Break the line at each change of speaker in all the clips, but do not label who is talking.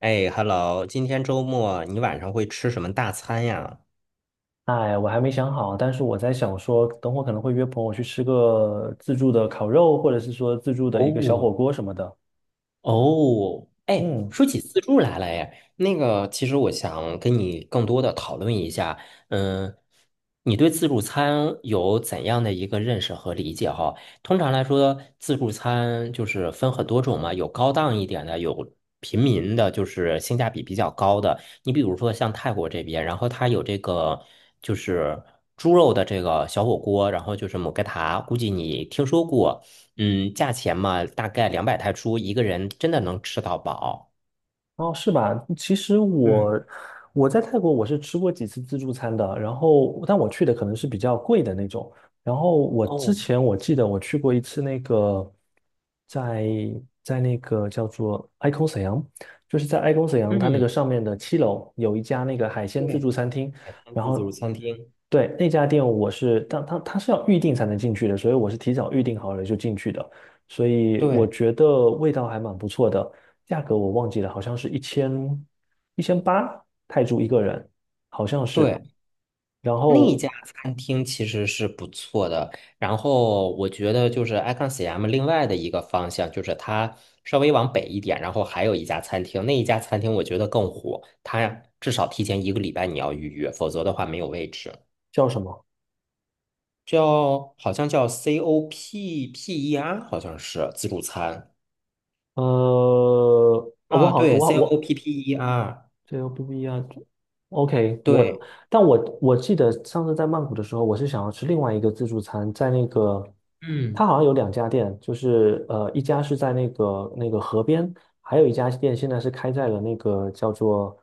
哎，Hello，今天周末你晚上会吃什么大餐呀？
哎，我还没想好，但是我在想说，等会儿可能会约朋友去吃个自助的烤肉，或者是说自助的一个小
哦，
火锅什么的。
哦，哎，
嗯。
说起自助来了，哎，那个，其实我想跟你更多的讨论一下，嗯，你对自助餐有怎样的一个认识和理解哈？通常来说，自助餐就是分很多种嘛，有高档一点的，有平民的，就是性价比比较高的。你比如说像泰国这边，然后它有这个就是猪肉的这个小火锅，然后就是姆克塔，估计你听说过。嗯，价钱嘛，大概200泰铢，一个人真的能吃到饱。
哦，是吧？其实
嗯，
我在泰国，我是吃过几次自助餐的，然后但我去的可能是比较贵的那种。然后我之
哦，
前我记得我去过一次那个在在那个叫做 Icon 沈阳，就是在 Icon 沈阳它那个
嗯，
上面的七楼有一家那个海鲜自
对，
助餐厅，
海滩
然
自助
后
餐厅，
对那家店我是当它是要预定才能进去的，所以我是提早预定好了就进去的，所以我
对
觉得味道还蛮不错的。价格我忘记了，好像是一千八泰铢一个人，好像
对，
是。
嗯
然
那一
后
家餐厅其实是不错的。然后我觉得就是 Icon CM 另外的一个方向，就是它稍微往北一点，然后还有一家餐厅，那一家餐厅我觉得更火，它至少提前一个礼拜你要预约，否则的话没有位置。
叫什么？
叫好像叫 COPPER，好像是自助餐。
呃，呃我
啊，
好，
对
我好，
，C O
我
P P E R，
这又不一样。OK，
对，
但我记得上次在曼谷的时候，我是想要吃另外一个自助餐，在那个
嗯
它好像有两家店，就是一家是在那个河边，还有一家店现在是开在了那个叫做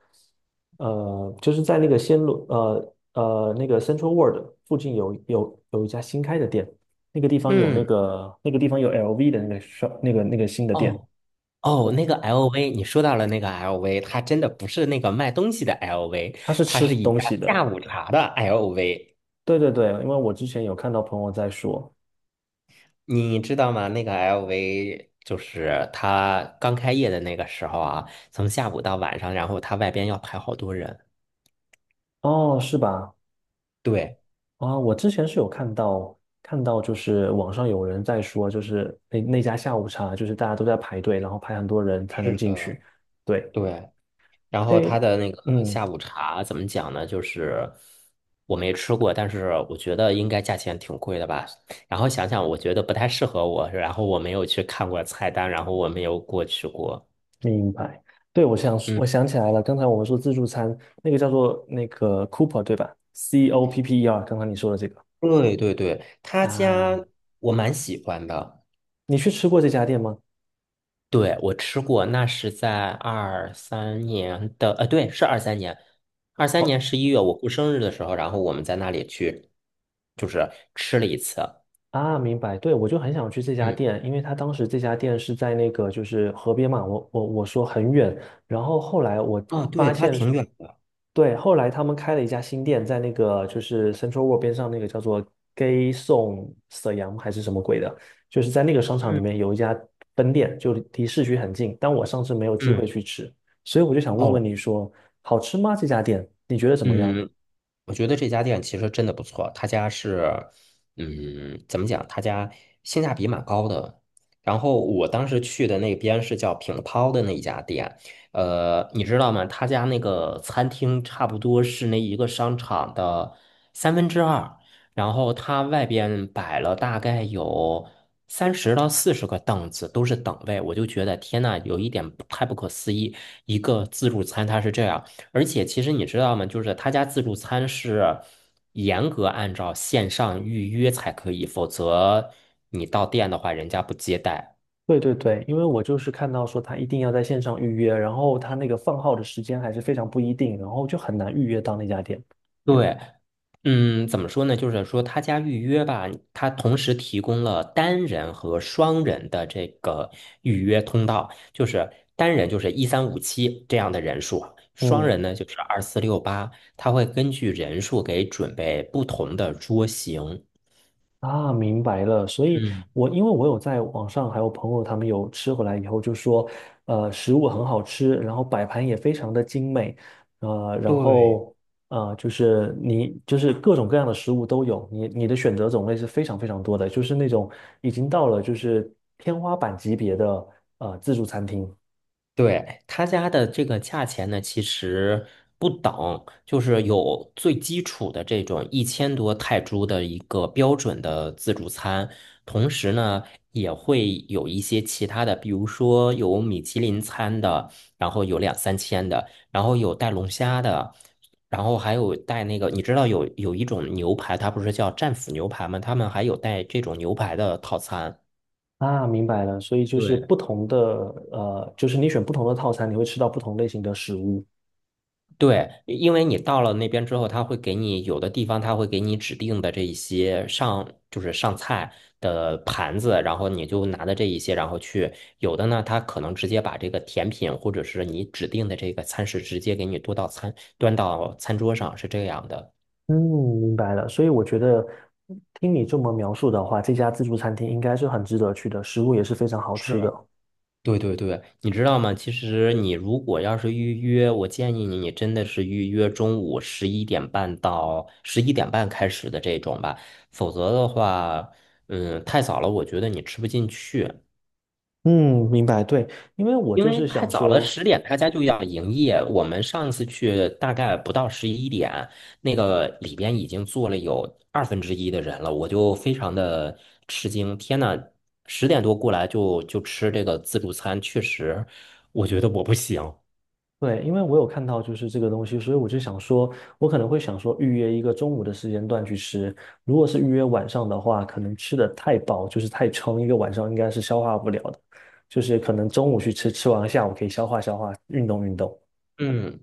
就是在那个暹罗那个 Central World 附近有一家新开的店，那个地方有那
嗯，
个那个地方有 LV 的那个 shop 那个新的店，
哦哦，那个 LV，你说到了那个 LV，它真的不是那个卖东西的 LV，
它是
它
吃
是一
东
家
西
下
的，
午茶的 LV，
对对对，因为我之前有看到朋友在说，
你知道吗？那个 LV 就是它刚开业的那个时候啊，从下午到晚上，然后它外边要排好多人。
哦，是吧？
对，
啊、我之前是有看到看到，就是网上有人在说，就是那家下午茶，就是大家都在排队，然后排很多人才能
是
进
的，
去。对，
对。然后他
诶，
的那个
嗯，
下午茶怎么讲呢？就是我没吃过，但是我觉得应该价钱挺贵的吧。然后想想，我觉得不太适合我，然后我没有去看过菜单，然后我没有过去过。
明白。对，我想
嗯，
我想起来了，刚才我们说自助餐，那个叫做那个 Cooper 对吧？COPPER，刚刚你说的这个
对对对，他家
啊，
我蛮喜欢的。
你去吃过这家店吗？
对，我吃过，那是在二三年的，对，是二三年，二三年
哦。
十一月我过生日的时候，然后我们在那里去，就是吃了一次。
啊，明白。对，我就很想去这家
嗯，
店，因为他当时这家店是在那个就是河边嘛，我说很远，然后后来我
哦，
发
对，他
现
挺
是
远的。
对，后来他们开了一家新店，在那个就是 Central World 边上那个叫做 Gay Song 沈阳还是什么鬼的，就是在那个商场里面
嗯。
有一家分店，就离市区很近，但我上次没有机
嗯，
会去吃，所以我就想问问
哦，
你说，好吃吗？这家店你觉得怎么样？
嗯，我觉得这家店其实真的不错。他家是，嗯，怎么讲？他家性价比蛮高的。然后我当时去的那边是叫品涛的那一家店，你知道吗？他家那个餐厅差不多是那一个商场的三分之二，然后他外边摆了大概有30到40个凳子，都是等位。我就觉得天呐，有一点不太不可思议。一个自助餐它是这样。而且其实你知道吗？就是他家自助餐是严格按照线上预约才可以，否则你到店的话，人家不接待。
对对对，因为我就是看到说他一定要在线上预约，然后他那个放号的时间还是非常不一定，然后就很难预约到那家店。
对，嗯，怎么说呢？就是说他家预约吧，他同时提供了单人和双人的这个预约通道，就是单人就是一三五七这样的人数，双
嗯，
人呢就是二四六八，他会根据人数给准备不同的桌型。
啊，明白了。所以
嗯，
我因为我有在网上还有朋友他们有吃回来以后就说，食物很好吃，然后摆盘也非常的精美，然
对。
后就是你就是各种各样的食物都有，你的选择种类是非常非常多的，就是那种已经到了就是天花板级别的自助餐厅。
对，他家的这个价钱呢，其实不等，就是有最基础的这种1000多泰铢的一个标准的自助餐，同时呢也会有一些其他的，比如说有米其林餐的，然后有两三千的，然后有带龙虾的，然后还有带那个，你知道有一种牛排，它不是叫战斧牛排吗？他们还有带这种牛排的套餐。
啊，明白了，所以就是
对。
不同的，就是你选不同的套餐，你会吃到不同类型的食物。
对，因为你到了那边之后，他会给你有的地方他会给你指定的这一些就是上菜的盘子，然后你就拿的这一些，然后去有的呢，他可能直接把这个甜品或者是你指定的这个餐食直接给你端到餐桌上，是这样的。
嗯，明白了。所以我觉得听你这么描述的话，这家自助餐厅应该是很值得去的，食物也是非常好吃的。
对对对，你知道吗？其实你如果要是预约，我建议你，你真的是预约中午十一点半开始的这种吧，否则的话，嗯，太早了，我觉得你吃不进去。
嗯，明白，对，因为我
因
就
为
是
太
想
早了，
说，
十点他家就要营业。我们上次去大概不到十一点，那个里边已经坐了有二分之一的人了，我就非常的吃惊。天呐，10点多过来就吃这个自助餐，确实，我觉得我不行。
对，因为我有看到就是这个东西，所以我就想说，我可能会想说预约一个中午的时间段去吃。如果是预约晚上的话，可能吃的太饱，就是太撑，一个晚上应该是消化不了的。就是可能中午去吃，吃完下午可以消化消化，运动运动。
嗯，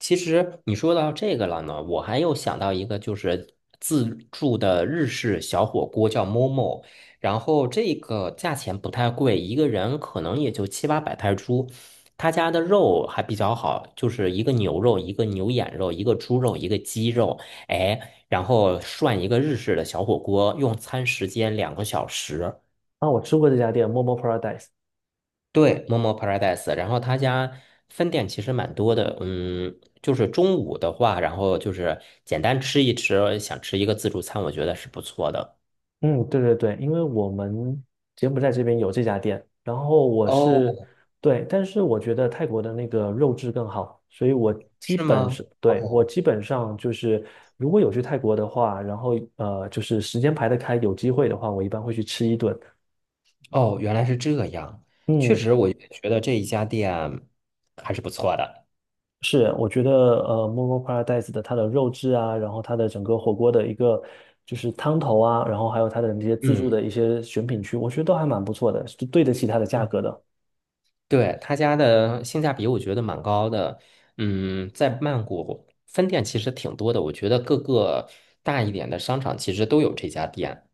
其实你说到这个了呢，我还有想到一个，就是自助的日式小火锅叫 Momo，然后这个价钱不太贵，一个人可能也就七八百泰铢。他家的肉还比较好，就是一个牛肉，一个牛眼肉，一个猪肉，一个鸡肉，哎，然后涮一个日式的小火锅，用餐时间2个小时。
那我吃过这家店，Momo Paradise，
对，Momo Paradise，然后他家分店其实蛮多的，嗯，就是中午的话，然后就是简单吃一吃，想吃一个自助餐，我觉得是不错的。
嗯，对对对，因为我们柬埔寨这边有这家店，然后我是
哦，
对，但是我觉得泰国的那个肉质更好，所以我基
是
本是
吗？
对，我
哦
基本上就是，如果有去泰国的话，然后就是时间排得开，有机会的话，我一般会去吃一顿。
哦，原来是这样，确
嗯，
实我也觉得这一家店还是不错的。
是，我觉得Momo Paradise 的它的肉质啊，然后它的整个火锅的一个就是汤头啊，然后还有它的那些自助的
嗯，
一些选品区，我觉得都还蛮不错的，是对得起它的价
对，
格的。
对，他家的性价比我觉得蛮高的。嗯，在曼谷分店其实挺多的，我觉得各个大一点的商场其实都有这家店。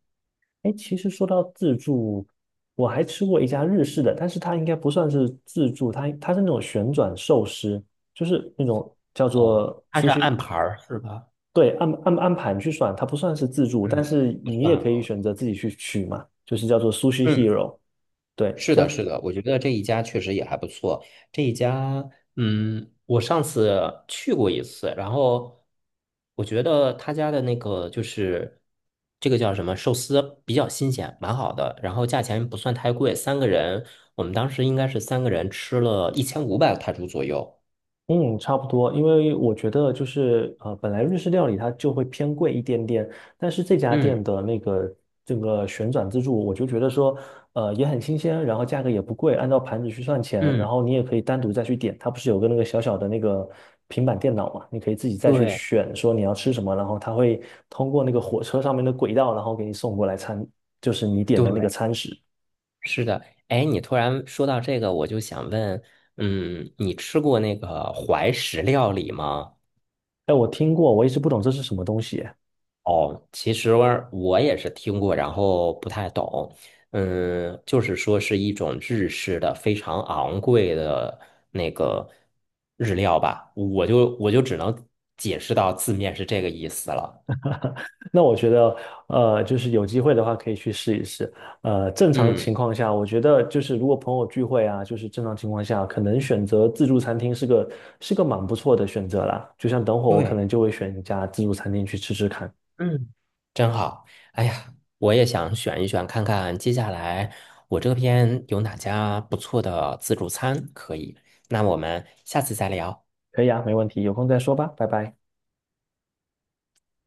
哎，其实说到自助，我还吃过一家日式的，但是它应该不算是自助，它是那种旋转寿司，就是那种叫
哦，
做
它
苏
是按
西，
盘儿是吧？
对，按盘去算，它不算是自助，但
嗯，
是
不
你
算
也可以
了。
选择自己去取嘛，就是叫做 Sushi
嗯，
Hero，对，
是的，是的，我觉得这一家确实也还不错。这一家，嗯，我上次去过一次，然后我觉得他家的那个就是这个叫什么寿司比较新鲜，蛮好的，然后价钱不算太贵，三个人，我们当时应该是三个人吃了1500泰铢左右。
嗯，差不多，因为我觉得就是本来日式料理它就会偏贵一点点，但是这家店
嗯
的那个这个旋转自助，我就觉得说，也很新鲜，然后价格也不贵，按照盘子去算钱，然
嗯，
后你也可以单独再去点，它不是有个那个小小的那个平板电脑嘛，你可以自己再去
对
选说你要吃什么，然后它会通过那个火车上面的轨道，然后给你送过来餐，就是你点的那个
对，
餐食。
是的，哎，你突然说到这个，我就想问，嗯，你吃过那个怀石料理吗？
哎，我听过，我一直不懂这是什么东西。
哦，其实我也是听过，然后不太懂。嗯，就是说是一种日式的非常昂贵的那个日料吧，我就只能解释到字面是这个意思了。
那我觉得，就是有机会的话可以去试一试。正常
嗯，
情况下，我觉得就是如果朋友聚会啊，就是正常情况下，可能选择自助餐厅是个蛮不错的选择啦。就像等会我可
对。
能就会选一家自助餐厅去吃吃看。
嗯，真好，哎呀，我也想选一选，看看接下来我这边有哪家不错的自助餐可以。那我们下次再聊。
可以啊，没问题，有空再说吧，拜拜。